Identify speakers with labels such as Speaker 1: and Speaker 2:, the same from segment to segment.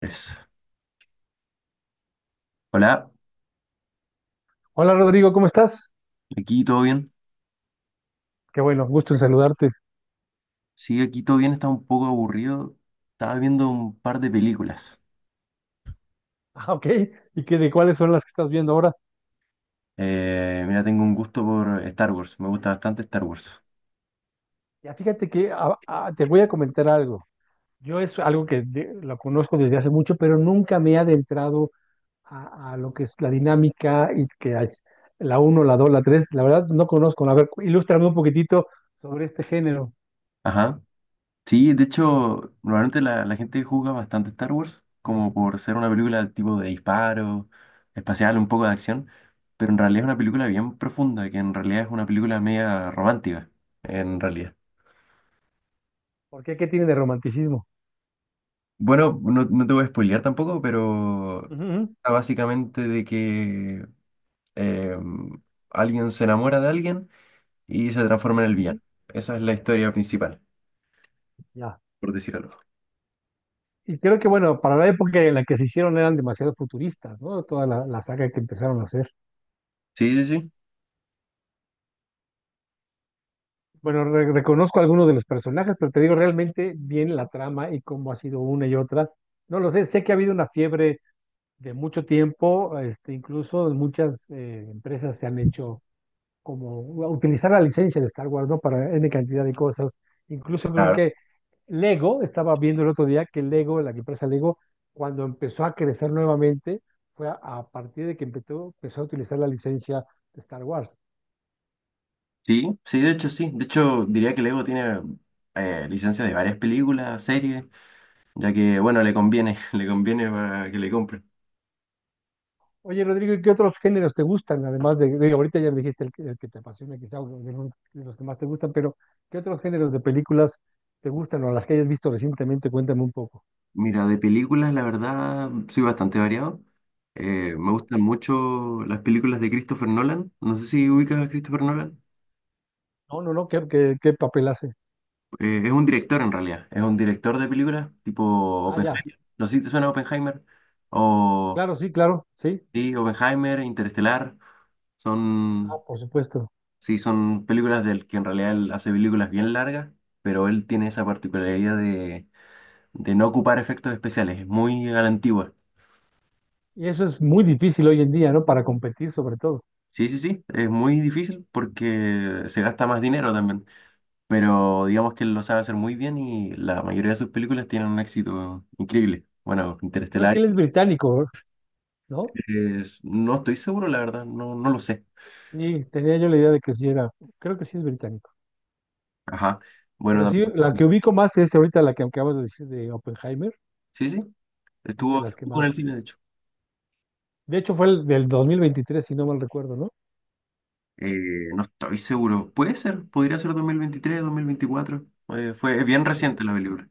Speaker 1: Pues, Hola,
Speaker 2: Hola Rodrigo, ¿cómo estás?
Speaker 1: aquí todo bien.
Speaker 2: Qué bueno, gusto en saludarte.
Speaker 1: Sí, aquí todo bien, está un poco aburrido. Estaba viendo un par de películas.
Speaker 2: Ah, ok. ¿Y qué de cuáles son las que estás viendo ahora?
Speaker 1: Mira, tengo un gusto por Star Wars, me gusta bastante Star Wars.
Speaker 2: Ya fíjate que te voy a comentar algo. Yo es algo que lo conozco desde hace mucho, pero nunca me he adentrado a lo que es la dinámica y que es la uno, la 2, la 3. La verdad no conozco. A ver, ilústrame un poquitito sobre este género.
Speaker 1: Ajá. Sí, de hecho, normalmente la gente juzga bastante Star Wars, como por ser una película tipo de disparo, espacial, un poco de acción, pero en realidad es una película bien profunda, que en realidad es una película media romántica, en realidad.
Speaker 2: ¿Por qué? ¿Qué tiene de romanticismo?
Speaker 1: Bueno, no, no te voy a spoilear tampoco, pero
Speaker 2: Ujú,
Speaker 1: está Básicamente de que eh, alguien se enamora de alguien y se transforma en el
Speaker 2: ujú,
Speaker 1: villano. Esa es la historia principal,
Speaker 2: ya.
Speaker 1: por decir algo.
Speaker 2: Y creo que, bueno, para la época en la que se hicieron eran demasiado futuristas, ¿no? Toda la saga que empezaron a hacer.
Speaker 1: Sí, sí, sí.
Speaker 2: Bueno, reconozco algunos de los personajes, pero te digo realmente bien la trama y cómo ha sido una y otra. No lo sé, sé que ha habido una fiebre de mucho tiempo, este, incluso muchas empresas se han hecho como utilizar la licencia de Star Wars, ¿no? Para N cantidad de cosas. Incluso creo
Speaker 1: A ver.
Speaker 2: que Lego, estaba viendo el otro día que Lego, la empresa Lego, cuando empezó a crecer nuevamente, fue a partir de que empezó a utilizar la licencia de Star Wars.
Speaker 1: Sí, sí. De hecho, diría que Lego tiene licencia de varias películas, series, ya que, bueno, le conviene, le conviene para que le compren.
Speaker 2: Oye, Rodrigo, ¿y qué otros géneros te gustan? Además ahorita ya me dijiste el que te apasiona, quizá o de los que más te gustan, pero ¿qué otros géneros de películas te gustan o las que hayas visto recientemente? Cuéntame un poco.
Speaker 1: Mira, de películas, la verdad, soy bastante variado. Me gustan mucho las películas de Christopher Nolan. No sé si ubicas a Christopher Nolan.
Speaker 2: No, no, no, ¿qué papel hace?
Speaker 1: Es un director en realidad, es un director de películas tipo
Speaker 2: Ah, ya,
Speaker 1: Oppenheimer. No sé si te suena Oppenheimer. O
Speaker 2: claro, sí, claro, sí.
Speaker 1: sí, Oppenheimer, Interestelar.
Speaker 2: Ah,
Speaker 1: Son,
Speaker 2: por supuesto.
Speaker 1: sí, son películas del que en realidad él hace películas bien largas, pero él tiene esa particularidad de no ocupar efectos especiales. Es muy a la antigua.
Speaker 2: Y eso es muy difícil hoy en día, ¿no? Para competir sobre todo.
Speaker 1: Sí, sí, sí, es muy difícil porque se gasta más dinero también. Pero digamos que él lo sabe hacer muy bien y la mayoría de sus películas tienen un éxito increíble. Bueno,
Speaker 2: Creo que
Speaker 1: Interestelar.
Speaker 2: él es británico, ¿no?
Speaker 1: No estoy seguro, la verdad, no, no lo sé.
Speaker 2: Sí, tenía yo la idea de que sí era, creo que sí es británico.
Speaker 1: Ajá. Bueno,
Speaker 2: Pero sí,
Speaker 1: también.
Speaker 2: la que ubico más es ahorita la que acabas de decir de Oppenheimer,
Speaker 1: Sí, sí.
Speaker 2: es de
Speaker 1: Estuvo hace
Speaker 2: las que
Speaker 1: poco en el
Speaker 2: más.
Speaker 1: cine, de hecho.
Speaker 2: De hecho, fue el del 2023 si no mal recuerdo, ¿no?
Speaker 1: No estoy seguro. Puede ser, podría ser 2023, 2024. Fue es bien
Speaker 2: Ya.
Speaker 1: reciente la película.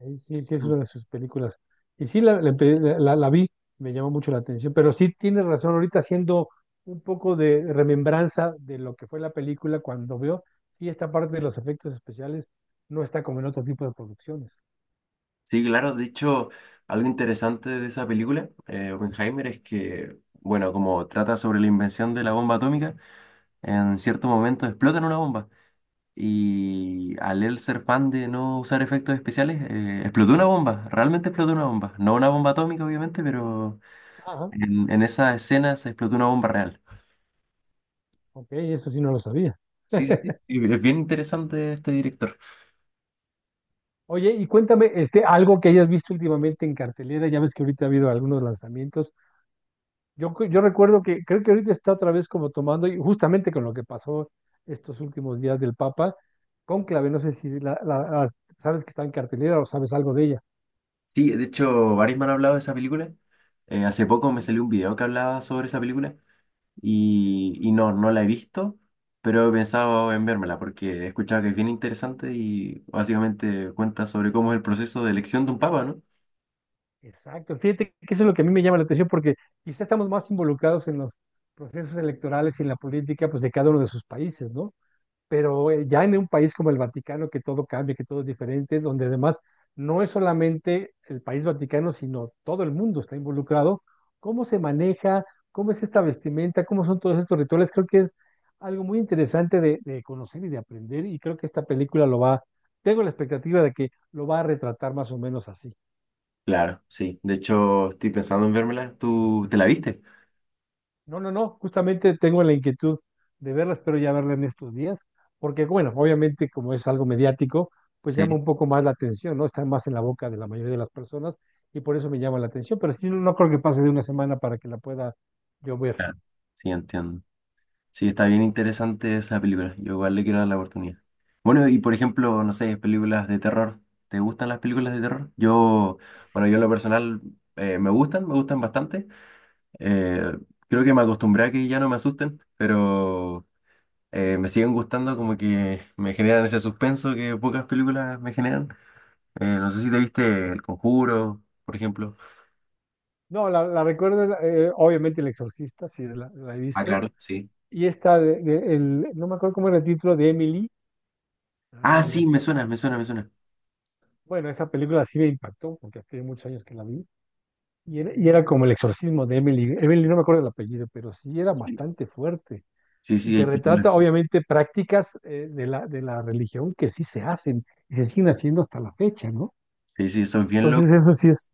Speaker 2: Ahí sí, sí, es
Speaker 1: Mm.
Speaker 2: una de sus películas. Y sí, la vi, me llamó mucho la atención, pero sí tienes razón, ahorita haciendo un poco de remembranza de lo que fue la película cuando veo, sí, esta parte de los efectos especiales no está como en otro tipo de producciones.
Speaker 1: Sí, claro. De hecho, algo interesante de esa película, Oppenheimer, es que, bueno, como trata sobre la invención de la bomba atómica, en cierto momento explotan una bomba. Y al él ser fan de no usar efectos especiales, explotó una bomba, realmente explotó una bomba. No una bomba atómica, obviamente, pero
Speaker 2: Ajá,
Speaker 1: en esa escena se explotó una bomba real.
Speaker 2: ok, eso sí no lo sabía.
Speaker 1: Sí, sí, sí, sí, es bien interesante este director.
Speaker 2: Oye, y cuéntame, este, algo que hayas visto últimamente en cartelera, ya ves que ahorita ha habido algunos lanzamientos. Yo, cu- yo recuerdo que creo que ahorita está otra vez como tomando, y justamente con lo que pasó estos últimos días del Papa, cónclave, no sé si sabes que está en cartelera o sabes algo de ella.
Speaker 1: Sí, de hecho, varios me han hablado de esa película. Hace poco me
Speaker 2: Ujú.
Speaker 1: salió un video que hablaba sobre esa película y, no la he visto, pero he pensado en vérmela porque he escuchado que es bien interesante y básicamente cuenta sobre cómo es el proceso de elección de un papa, ¿no?
Speaker 2: Exacto, fíjate que eso es lo que a mí me llama la atención porque quizá estamos más involucrados en los procesos electorales y en la política pues de cada uno de sus países, ¿no? Pero ya en un país como el Vaticano, que todo cambia, que todo es diferente, donde además no es solamente el país Vaticano, sino todo el mundo está involucrado, ¿cómo se maneja? ¿Cómo es esta vestimenta? ¿Cómo son todos estos rituales? Creo que es algo muy interesante de conocer y de aprender y creo que esta película lo va, tengo la expectativa de que lo va a retratar más o menos así.
Speaker 1: Claro, sí. De hecho, estoy pensando en vérmela. ¿Tú te la viste?
Speaker 2: No, no, no, justamente tengo la inquietud de verlas, pero ya verla en estos días, porque bueno, obviamente como es algo mediático, pues llama
Speaker 1: Sí.
Speaker 2: un poco más la atención, ¿no? Está más en la boca de la mayoría de las personas y por eso me llama la atención, pero sí, no, no creo que pase de una semana para que la pueda yo ver.
Speaker 1: Claro. Sí, entiendo. Sí, está bien interesante esa película. Yo igual le quiero dar la oportunidad. Bueno, y por ejemplo, no sé, películas de terror. ¿Te gustan las películas de terror? Yo, bueno, yo en lo personal me gustan bastante. Eh, Creo que me acostumbré a que ya no me asusten, pero me siguen gustando como que me generan ese suspenso que pocas películas me generan. No sé si te viste El Conjuro, por ejemplo.
Speaker 2: No, la recuerdo, obviamente El Exorcista, sí, la he
Speaker 1: Ah,
Speaker 2: visto,
Speaker 1: claro, sí.
Speaker 2: y esta, de- el, no me acuerdo cómo era el título, de Emily. Ay,
Speaker 1: Ah, sí,
Speaker 2: el-
Speaker 1: me suena, me suena, me suena.
Speaker 2: bueno, esa película sí me impactó, porque hace muchos años que la vi. Y era como el exorcismo de Emily. Emily, no me acuerdo el apellido, pero sí era
Speaker 1: Sí.
Speaker 2: bastante fuerte.
Speaker 1: Sí,
Speaker 2: Y
Speaker 1: sí,
Speaker 2: te
Speaker 1: hay películas.
Speaker 2: retrata, obviamente, prácticas de la religión que sí se hacen y se siguen haciendo hasta la fecha, ¿no?
Speaker 1: Sí, sí, son bien locos.
Speaker 2: Entonces eso sí es,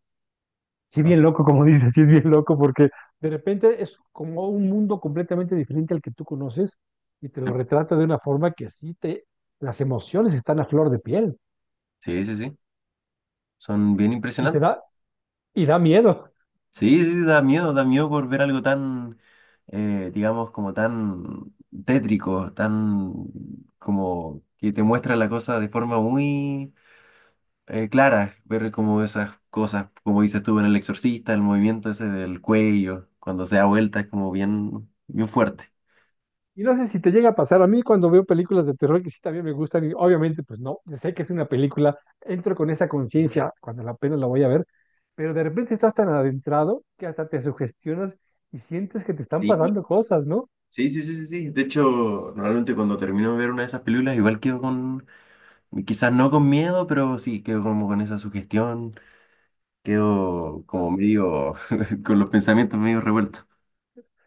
Speaker 2: sí bien loco, como dices, sí es bien loco, porque de repente es como un mundo completamente diferente al que tú conoces y te lo retrata de una forma que sí te, las emociones están a flor de piel
Speaker 1: Sí, sí, sí. Son bien
Speaker 2: y te
Speaker 1: impresionantes.
Speaker 2: da, y da miedo.
Speaker 1: Sí, sí, sí, da miedo por ver algo tan, digamos, como tan tétrico, tan como que te muestra la cosa de forma muy clara. Ver como esas cosas, como dices tú en El Exorcista, el movimiento ese del cuello, cuando se da vuelta, es como bien, bien fuerte.
Speaker 2: Y no sé si te llega a pasar, a mí cuando veo películas de terror que sí también me gustan, y obviamente pues no, sé que es una película, entro con esa conciencia cuando la apenas la voy a ver, pero de repente estás tan adentrado que hasta te sugestionas y sientes que te están
Speaker 1: Sí.
Speaker 2: pasando cosas, ¿no?
Speaker 1: Sí, sí, sí, sí, sí. De hecho, normalmente cuando termino de ver una de esas películas, igual quedo con, quizás no con miedo, pero sí, quedo como con esa sugestión, quedo
Speaker 2: Ah,
Speaker 1: como medio, con los pensamientos medio revueltos.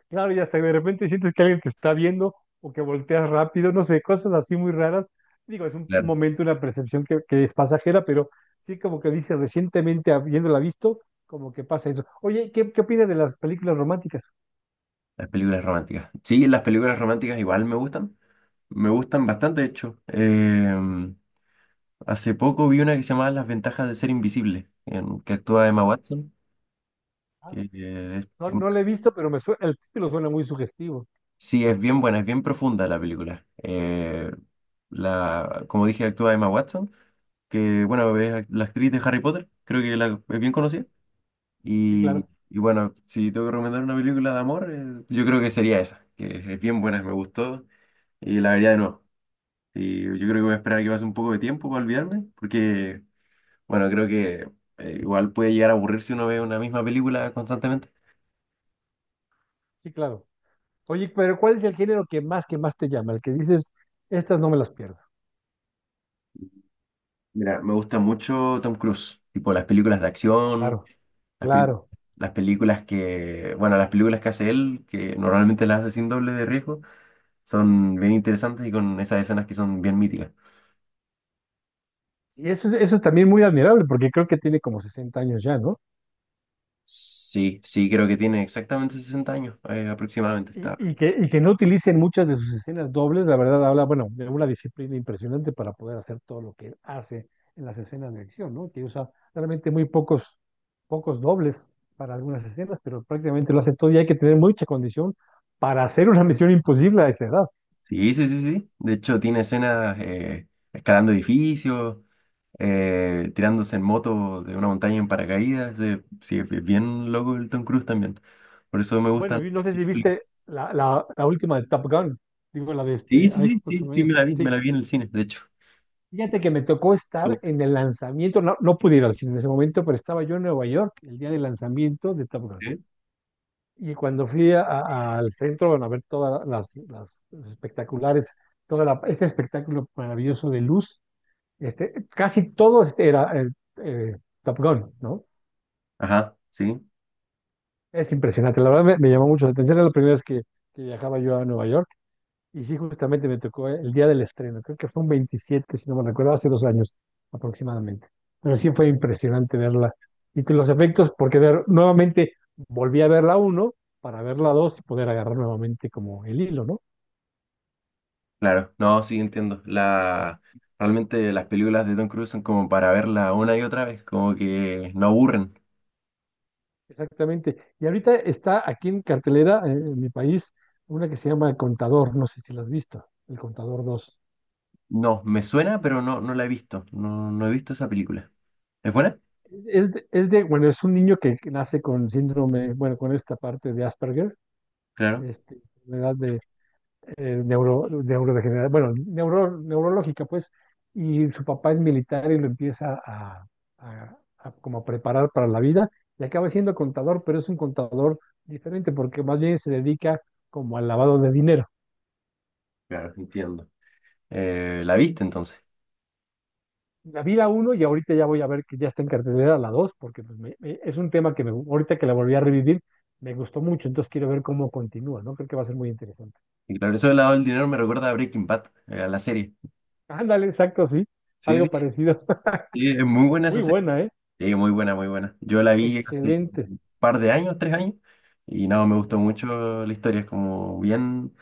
Speaker 2: claro, y hasta de repente sientes que alguien te está viendo o que volteas rápido, no sé, cosas así muy raras. Digo, es un
Speaker 1: Claro,
Speaker 2: momento, una percepción que es pasajera, pero sí como que dice recientemente habiéndola visto, como que pasa eso. Oye, ¿qué, qué opinas de las películas románticas?
Speaker 1: las películas románticas. Sí, las películas románticas igual me gustan bastante, de hecho. Hace poco vi una que se llamaba Las ventajas de ser invisible, en, que actúa Emma Watson, que es
Speaker 2: No, no la he visto, pero me suena, el título suena muy sugestivo.
Speaker 1: sí, es bien buena, es bien profunda la película. La, como dije, actúa Emma Watson, que bueno, la actriz de Harry Potter, creo que la, es bien conocida.
Speaker 2: Sí, claro,
Speaker 1: Y bueno, si tengo que recomendar una película de amor, yo creo que sería esa, que es bien buena, me gustó y la vería de nuevo. Y yo creo que voy a esperar a que pase un poco de tiempo para olvidarme, porque bueno, creo que igual puede llegar a aburrir si uno ve una misma película constantemente.
Speaker 2: sí, claro. Oye, pero ¿cuál es el género que más te llama? El que dices, estas no me las pierdo.
Speaker 1: Mira, me gusta mucho Tom Cruise, tipo las películas de acción.
Speaker 2: Claro,
Speaker 1: Las, pel-
Speaker 2: claro.
Speaker 1: las películas que, bueno, las películas que hace él, que normalmente las hace sin doble de riesgo, son bien interesantes y con esas escenas que son bien míticas.
Speaker 2: Y eso es también muy admirable, porque creo que tiene como 60 años ya, ¿no?
Speaker 1: Sí, sí, creo que tiene exactamente 60 años, aproximadamente está.
Speaker 2: Y que no utilicen muchas de sus escenas dobles, la verdad habla, bueno, de una disciplina impresionante para poder hacer todo lo que hace en las escenas de acción, ¿no? Que usa realmente muy pocos, pocos dobles para algunas escenas, pero prácticamente lo hace todo y hay que tener mucha condición para hacer una misión imposible a esa edad.
Speaker 1: Sí, sí, sí, sí. De hecho, tiene escenas escalando edificios, tirándose en moto de una montaña en paracaídas. Sí, es bien loco el Tom Cruise también. Por eso me
Speaker 2: Bueno,
Speaker 1: gustan.
Speaker 2: y no sé
Speaker 1: Sus
Speaker 2: si
Speaker 1: películas.
Speaker 2: viste la última de Top Gun, digo la de
Speaker 1: Sí,
Speaker 2: este,
Speaker 1: sí,
Speaker 2: ay,
Speaker 1: sí,
Speaker 2: ¿cómo se
Speaker 1: sí, sí,
Speaker 2: llama?
Speaker 1: me
Speaker 2: Sí.
Speaker 1: la vi en el cine, de hecho.
Speaker 2: Fíjate que me tocó estar en el lanzamiento, no, no pude ir al cine en ese momento, pero estaba yo en Nueva York el día del lanzamiento de Top Gun.
Speaker 1: ¿Eh?
Speaker 2: Y cuando fui al centro, bueno, a ver todas los espectaculares, todo este espectáculo maravilloso de luz, este, casi todo este era eh, Top Gun, ¿no?
Speaker 1: Ajá, sí.
Speaker 2: Es impresionante, la verdad me, me llamó mucho la atención, era la primera vez que viajaba yo a Nueva York. Y sí, justamente me tocó el día del estreno, creo que fue un 27 si no me recuerdo, hace 2 años aproximadamente. Pero sí fue impresionante verla. Y que los efectos, porque nuevamente volví a ver la 1 para ver la 2 y poder agarrar nuevamente como el hilo, ¿no?
Speaker 1: Claro, no, sí entiendo. La, realmente las películas de Tom Cruise son como para verla una y otra vez, como que no aburren.
Speaker 2: Exactamente. Y ahorita está aquí en cartelera, en mi país, una que se llama Contador, no sé si la has visto, el Contador dos.
Speaker 1: No, me suena, pero no, no la he visto. No, no he visto esa película. ¿Es buena?
Speaker 2: Es bueno, es un niño que nace con síndrome, bueno, con esta parte de Asperger,
Speaker 1: Claro,
Speaker 2: este, enfermedad de neurodegenerada, bueno, neurológica, pues, y su papá es militar y lo empieza a, a- a como a preparar para la vida y acaba siendo contador, pero es un contador diferente porque más bien se dedica como al lavado de dinero.
Speaker 1: claro, entiendo. ¿La viste entonces?
Speaker 2: La vi la 1 y ahorita ya voy a ver que ya está en cartelera la 2 porque pues, es un tema que me, ahorita que la volví a revivir me gustó mucho, entonces quiero ver cómo continúa, ¿no? Creo que va a ser muy interesante.
Speaker 1: Y claro, eso del lado del dinero me recuerda a Breaking Bad, a la serie.
Speaker 2: Ándale, exacto, sí,
Speaker 1: Sí, sí,
Speaker 2: algo parecido.
Speaker 1: sí, es muy buena esa
Speaker 2: Muy
Speaker 1: serie.
Speaker 2: buena, ¿eh?
Speaker 1: Sí, muy buena, muy buena. Yo la vi hace
Speaker 2: Excelente.
Speaker 1: par de años, tres años, y no, me gustó mucho la historia, es como bien,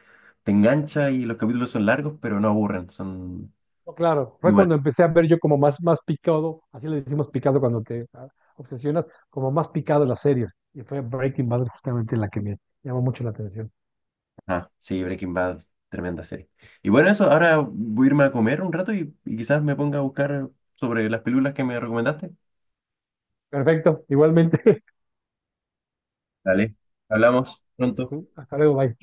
Speaker 1: te engancha y los capítulos son largos, pero no aburren, son
Speaker 2: No, claro,
Speaker 1: muy
Speaker 2: fue
Speaker 1: buenos.
Speaker 2: cuando empecé a ver yo como más, más picado, así le decimos picado cuando te ah, obsesionas, como más picado las series. Y fue Breaking Bad justamente la que me llamó mucho la atención.
Speaker 1: Ah, sí, Breaking Bad, tremenda serie. Y bueno, eso, ahora voy a irme a comer un rato y quizás me ponga a buscar sobre las películas que me recomendaste.
Speaker 2: Perfecto, igualmente.
Speaker 1: Dale, hablamos pronto.
Speaker 2: Hasta luego, bye.